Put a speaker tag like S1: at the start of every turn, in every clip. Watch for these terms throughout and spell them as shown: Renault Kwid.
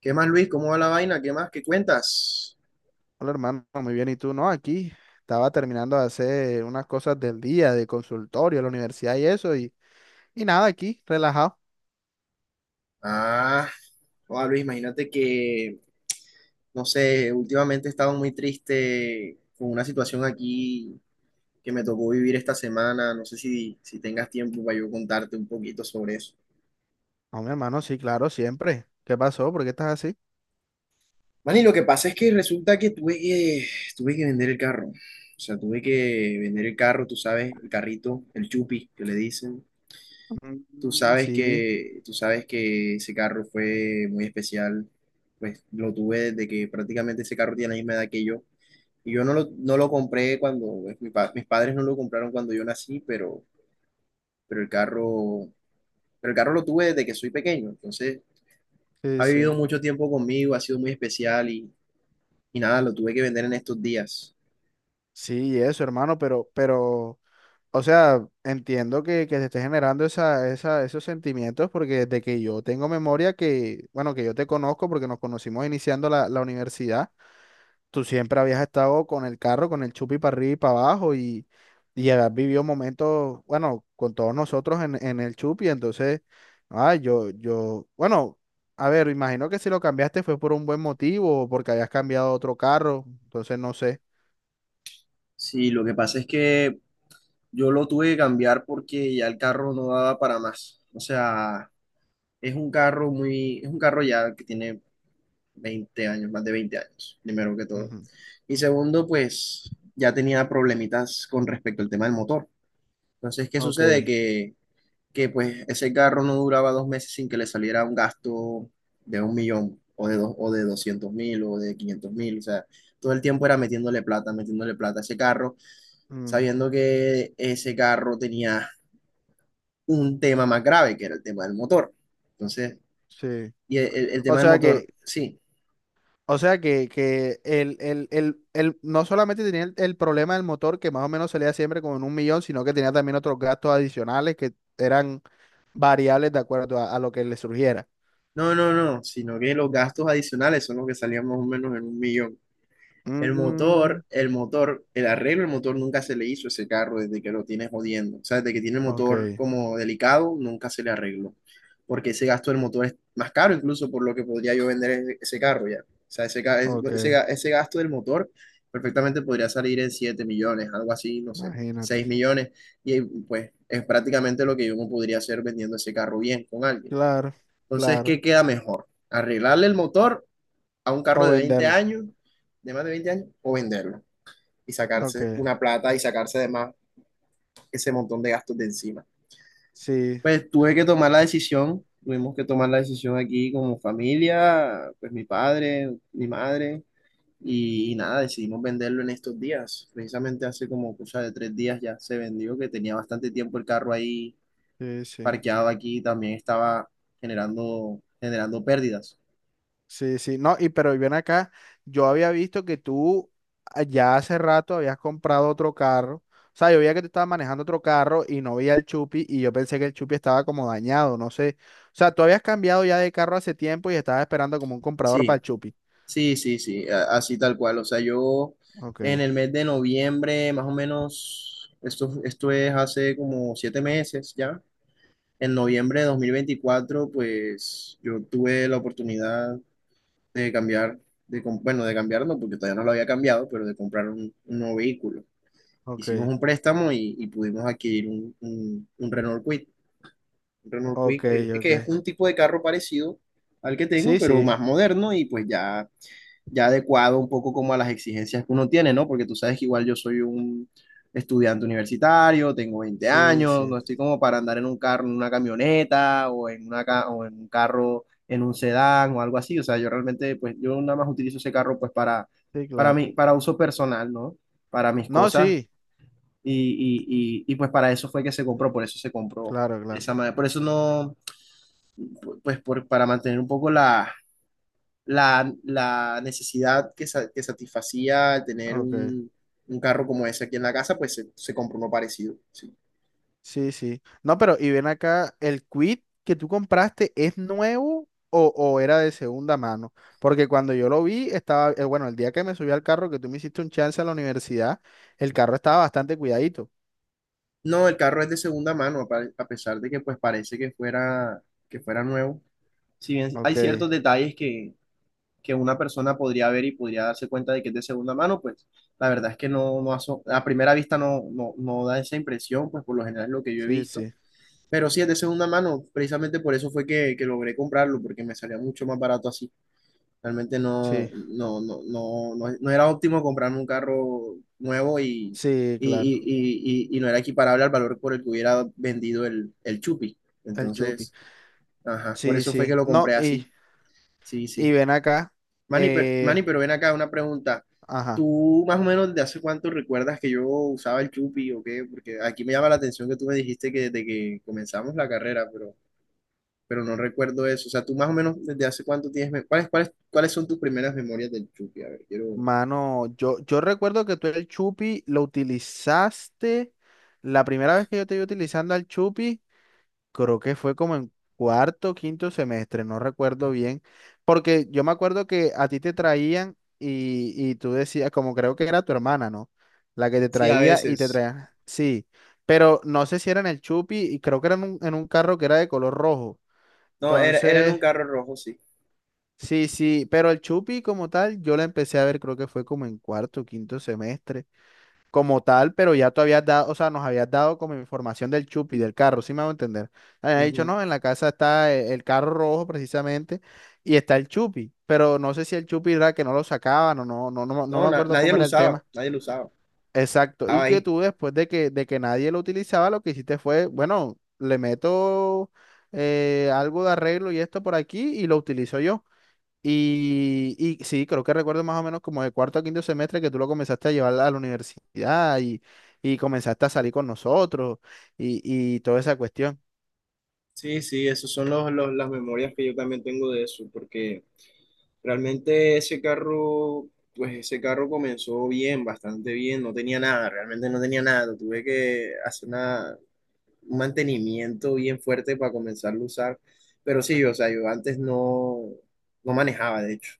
S1: ¿Qué más, Luis? ¿Cómo va la vaina? ¿Qué más? ¿Qué cuentas?
S2: Hola hermano, muy bien. ¿Y tú? No, aquí estaba terminando de hacer unas cosas del día, de consultorio, la universidad y eso, y nada, aquí, relajado.
S1: Ah, hola, Luis, imagínate que, no sé, últimamente he estado muy triste con una situación aquí que me tocó vivir esta semana. No sé si tengas tiempo para yo contarte un poquito sobre eso.
S2: No, mi hermano, sí, claro, siempre. ¿Qué pasó? ¿Por qué estás así?
S1: Man, y lo que pasa es que resulta que tuve que vender el carro. O sea, tuve que vender el carro, tú sabes, el carrito, el chupi, que le dicen.
S2: Mm, sí,
S1: Tú sabes que ese carro fue muy especial, pues lo tuve desde que prácticamente ese carro tiene la misma edad que yo. Y yo no lo compré cuando, pues, mis padres no lo compraron cuando yo nací, pero el carro, pero el carro lo tuve desde que soy pequeño. Entonces,
S2: sí,
S1: ha vivido
S2: sí.
S1: mucho tiempo conmigo, ha sido muy especial y nada, lo tuve que vender en estos días.
S2: Sí, eso, hermano, pero, o sea, entiendo que, te esté generando esos sentimientos, porque desde que yo tengo memoria que, bueno, que yo te conozco, porque nos conocimos iniciando la universidad. Tú siempre habías estado con el carro, con el chupi para arriba y para abajo y habías vivido momentos, bueno, con todos nosotros en el chupi. Entonces, ah, bueno, a ver, imagino que si lo cambiaste fue por un buen motivo o porque habías cambiado a otro carro, entonces no sé.
S1: Sí, lo que pasa es que yo lo tuve que cambiar porque ya el carro no daba para más. O sea, es un carro ya que tiene 20 años, más de 20 años, primero que todo.
S2: Ujú.
S1: Y segundo, pues ya tenía problemitas con respecto al tema del motor. Entonces, ¿qué
S2: Ok.
S1: sucede? Que pues ese carro no duraba 2 meses sin que le saliera un gasto de un millón o de 200.000 o de 500.000. O sea, todo el tiempo era metiéndole plata a ese carro,
S2: Mm,
S1: sabiendo que ese carro tenía un tema más grave, que era el tema del motor. Entonces,
S2: sí.
S1: y el
S2: O
S1: tema del
S2: sea
S1: motor,
S2: que,
S1: sí.
S2: O sea que no solamente tenía el problema del motor, que más o menos salía siempre como en 1 millón, sino que tenía también otros gastos adicionales que eran variables de acuerdo a lo que le surgiera.
S1: No, no, no, sino que los gastos adicionales son los que salían más o menos en un millón.
S2: Mm,
S1: El motor, el arreglo del motor nunca se le hizo a ese carro desde que lo tiene jodiendo. O sea, desde que tiene el motor
S2: ok,
S1: como delicado, nunca se le arregló. Porque ese gasto del motor es más caro incluso por lo que podría yo vender ese carro ya. O sea, ese, ca- ese,
S2: ok,
S1: ga- ese gasto del motor perfectamente podría salir en 7 millones, algo así, no sé, 6
S2: imagínate.
S1: millones. Y pues es prácticamente lo que yo me podría hacer vendiendo ese carro bien con alguien.
S2: Claro,
S1: Entonces,
S2: claro.
S1: ¿qué queda mejor? ¿Arreglarle el motor a un carro
S2: O
S1: de 20
S2: venderlo.
S1: años, de más de 20 años, o venderlo y
S2: Ok,
S1: sacarse una plata y sacarse además ese montón de gastos de encima?
S2: sí,
S1: Pues tuve que tomar la decisión, tuvimos que tomar la decisión aquí como familia, pues mi padre, mi madre, y nada, decidimos venderlo en estos días. Precisamente hace como cosa de 3 días ya se vendió, que tenía bastante tiempo el carro ahí
S2: sí, sí.
S1: parqueado aquí, también estaba generando pérdidas.
S2: Sí, sí, no, y pero ven acá, yo había visto que ya hace rato habías comprado otro carro. O sea, yo veía que tú estabas manejando otro carro y no veía el Chupi y yo pensé que el Chupi estaba como dañado, no sé, o sea, tú habías cambiado ya de carro hace tiempo y estabas esperando como un comprador para
S1: Sí.
S2: el Chupi.
S1: Sí, sí, sí, así tal cual. O sea, yo
S2: Ok,
S1: en el mes de noviembre, más o menos, esto es hace como 7 meses ya. En noviembre de 2024, pues yo tuve la oportunidad de cambiar, de cambiarlo, porque todavía no lo había cambiado, pero de comprar un nuevo vehículo. Hicimos
S2: ok,
S1: un préstamo y pudimos adquirir un, un Renault Kwid. Un Renault Kwid,
S2: ok, ok.
S1: que es un tipo de carro parecido al que tengo,
S2: Sí,
S1: pero
S2: sí,
S1: más moderno y pues ya adecuado un poco como a las exigencias que uno tiene, ¿no? Porque tú sabes que igual yo soy un estudiante universitario, tengo veinte
S2: sí,
S1: años,
S2: sí,
S1: no estoy como para andar en un carro, en una camioneta o en, una ca- o en un carro, en un sedán o algo así. O sea, yo realmente, pues yo nada más utilizo ese carro pues
S2: sí,
S1: para
S2: claro.
S1: mí, para uso personal, ¿no? Para mis
S2: No,
S1: cosas
S2: sí,
S1: y, y pues para eso fue que se compró, por eso se compró
S2: claro,
S1: de
S2: claro,
S1: esa manera. Por eso no, pues por, para mantener un poco la, la necesidad que, que satisfacía tener
S2: ok.
S1: un carro como ese aquí en la casa, pues se compró uno parecido, sí.
S2: Sí, sí. No, pero y ven acá, ¿el quit que tú compraste es nuevo o era de segunda mano? Porque cuando yo lo vi, estaba, bueno, el día que me subí al carro, que tú me hiciste un chance a la universidad, el carro estaba bastante cuidadito.
S1: No, el carro es de segunda mano, a pesar de que pues parece que fuera nuevo. Si bien hay
S2: Ok,
S1: ciertos detalles que una persona podría ver y podría darse cuenta de que es de segunda mano, pues la verdad es que no, a primera vista no, no da esa impresión, pues por lo general es lo que yo he
S2: sí,
S1: visto.
S2: sí,
S1: Pero sí es de segunda mano, precisamente por eso fue que logré comprarlo, porque me salía mucho más barato así. Realmente
S2: sí,
S1: no era óptimo comprarme un carro nuevo y,
S2: sí, claro,
S1: y no era equiparable al valor por el que hubiera vendido el Chupi.
S2: el chupi.
S1: Entonces, ajá, por
S2: Sí,
S1: eso fue que
S2: sí.
S1: lo
S2: No,
S1: compré
S2: y,
S1: así. Sí,
S2: y
S1: sí.
S2: ven acá, eh,
S1: Manny, pero ven acá una pregunta.
S2: ajá,
S1: ¿Tú más o menos de hace cuánto recuerdas que yo usaba el Chupi o qué? Porque aquí me llama la atención que tú me dijiste que desde que comenzamos la carrera, pero no recuerdo eso. O sea, tú más o menos desde hace cuánto tienes, cuáles son tus primeras memorias del Chucky? A ver, quiero.
S2: mano, yo recuerdo que tú el chupi lo utilizaste, la primera vez que yo te vi utilizando al chupi. Creo que fue como en cuarto, quinto semestre, no recuerdo bien, porque yo me acuerdo que a ti te traían y tú decías, como creo que era tu hermana, ¿no? La que te
S1: Sí, a
S2: traía y te
S1: veces.
S2: traía, sí, pero no sé si era en el Chupi y creo que era en un carro que era de color rojo.
S1: No, era en un
S2: Entonces,
S1: carro rojo, sí.
S2: sí, sí, pero el Chupi como tal, yo la empecé a ver, creo que fue como en cuarto, quinto semestre como tal, pero ya tú habías dado, o sea, nos habías dado como información del chupi, del carro, ¿sí me hago entender? Habías dicho,
S1: Ujú.
S2: no, en la casa está el carro rojo precisamente y está el chupi, pero no sé si el chupi era que no lo sacaban o no, no
S1: No,
S2: me acuerdo
S1: nadie
S2: cómo
S1: lo
S2: era el
S1: usaba,
S2: tema.
S1: nadie lo usaba.
S2: Exacto, y
S1: Estaba
S2: que
S1: ahí.
S2: tú después de que nadie lo utilizaba, lo que hiciste fue, bueno, le meto algo de arreglo y esto por aquí y lo utilizo yo. Y sí, creo que recuerdo más o menos como de cuarto a quinto semestre que tú lo comenzaste a llevar a la universidad y comenzaste a salir con nosotros y, y toda esa cuestión.
S1: Sí, sí, esas son las memorias que yo también tengo de eso, porque realmente ese carro, pues ese carro comenzó bien, bastante bien, no tenía nada, realmente no tenía nada, tuve que hacer un mantenimiento bien fuerte para comenzarlo a usar. Pero sí, o sea, yo antes no manejaba, de hecho.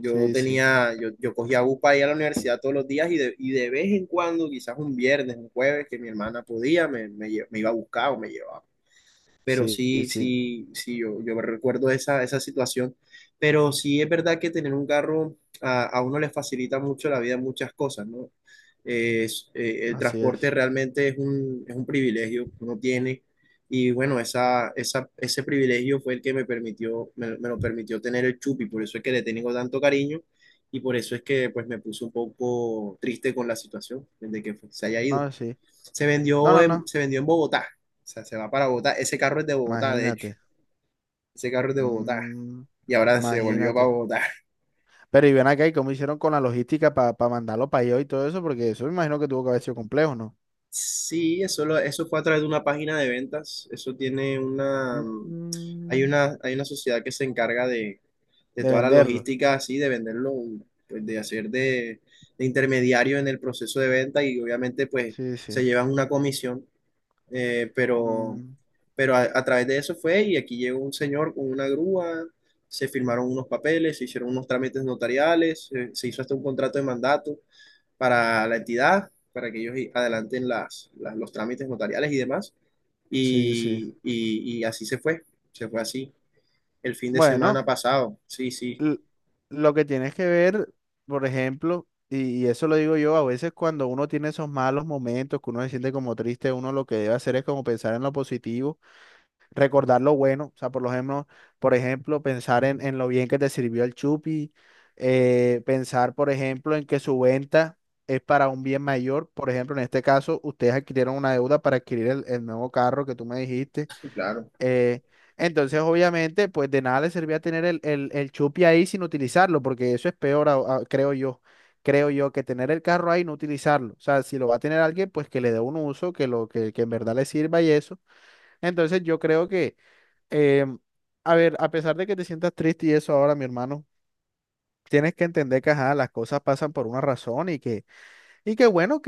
S2: Sí, sí,
S1: Yo cogía bus para ir a la universidad todos los días y de vez en cuando, quizás un viernes, un jueves, que mi hermana podía, me iba a buscar o me llevaba pero
S2: sí, y
S1: sí,
S2: sí,
S1: sí, sí, yo me recuerdo esa situación, pero sí es verdad que tener un carro a uno le facilita mucho la vida en muchas cosas, ¿no? El
S2: así
S1: transporte
S2: es.
S1: realmente es es un privilegio que uno tiene y bueno, ese privilegio fue el que me permitió, me lo permitió tener el Chupi, por eso es que le tengo tanto cariño y por eso es que pues me puse un poco triste con la situación de que pues, se haya ido.
S2: No, sí. No, no, no,
S1: Se vendió en Bogotá. O sea, se va para Bogotá. Ese carro es de Bogotá, de hecho.
S2: imagínate.
S1: Ese carro es de Bogotá.
S2: Mm,
S1: Y ahora se volvió para
S2: imagínate.
S1: Bogotá.
S2: Pero y ven acá, ¿y cómo hicieron con la logística para mandarlo para allá y todo eso? Porque eso me imagino que tuvo que haber sido complejo, ¿no?
S1: Sí, eso, eso fue a través de una página de ventas. Eso tiene una...
S2: Mm,
S1: Hay una sociedad que se encarga de,
S2: de
S1: toda la
S2: venderlo.
S1: logística así, de venderlo, pues, de hacer de intermediario en el proceso de venta y obviamente pues
S2: Sí,
S1: se
S2: sí.
S1: llevan una comisión. Eh, pero
S2: Mm,
S1: pero a través de eso fue y aquí llegó un señor con una grúa, se firmaron unos papeles, se hicieron unos trámites notariales, hizo hasta un contrato de mandato para la entidad, para que ellos adelanten los trámites notariales y demás.
S2: sí, sí.
S1: Y así se fue, así el fin de semana
S2: Bueno.
S1: pasado. Sí, sí,
S2: l- lo que tienes que ver, por ejemplo, y eso lo digo yo, a veces cuando uno tiene esos malos momentos, que uno se siente como triste, uno lo que debe hacer es como pensar en lo positivo, recordar lo bueno, o sea, por ejemplo, pensar en lo bien que te sirvió el chupi, pensar, por ejemplo, en que su venta es para un bien mayor, por ejemplo, en este caso, ustedes adquirieron una deuda para adquirir el nuevo carro que tú me dijiste.
S1: claro,
S2: Eh, entonces, obviamente, pues de nada le servía tener el chupi ahí sin utilizarlo, porque eso es peor, creo yo. Creo yo que tener el carro ahí y no utilizarlo. O sea, si lo va a tener alguien, pues que le dé un uso, que lo que en verdad le sirva y eso. Entonces, em, a ver, a pesar de que te sientas triste y eso ahora, mi hermano, tienes que entender que, ajá, las cosas pasan por una razón y que bueno,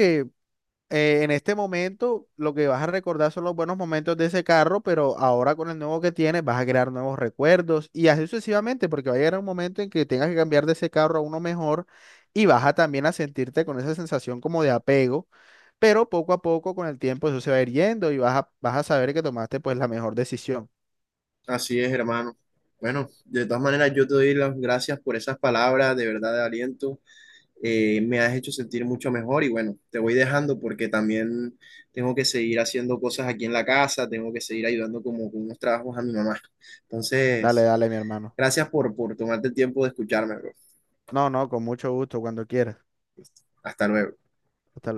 S2: en este momento lo que vas a recordar son los buenos momentos de ese carro, pero ahora con el nuevo que tienes vas a crear nuevos recuerdos y así sucesivamente, porque va a llegar un momento en que tengas que cambiar de ese carro a uno mejor y vas a también a sentirte con esa sensación como de apego, pero poco a poco con el tiempo eso se va a ir yendo y vas a, vas a saber que tomaste pues la mejor decisión.
S1: así es, hermano. Bueno, de todas maneras, yo te doy las gracias por esas palabras de verdad de aliento. Me has hecho sentir mucho mejor y bueno, te voy dejando porque también tengo que seguir haciendo cosas aquí en la casa, tengo que seguir ayudando como con unos trabajos a mi mamá.
S2: Dale,
S1: Entonces,
S2: dale, mi hermano.
S1: gracias por tomarte el tiempo de escucharme, bro.
S2: No, no, con mucho gusto, cuando quieras.
S1: Hasta luego.
S2: Hasta luego.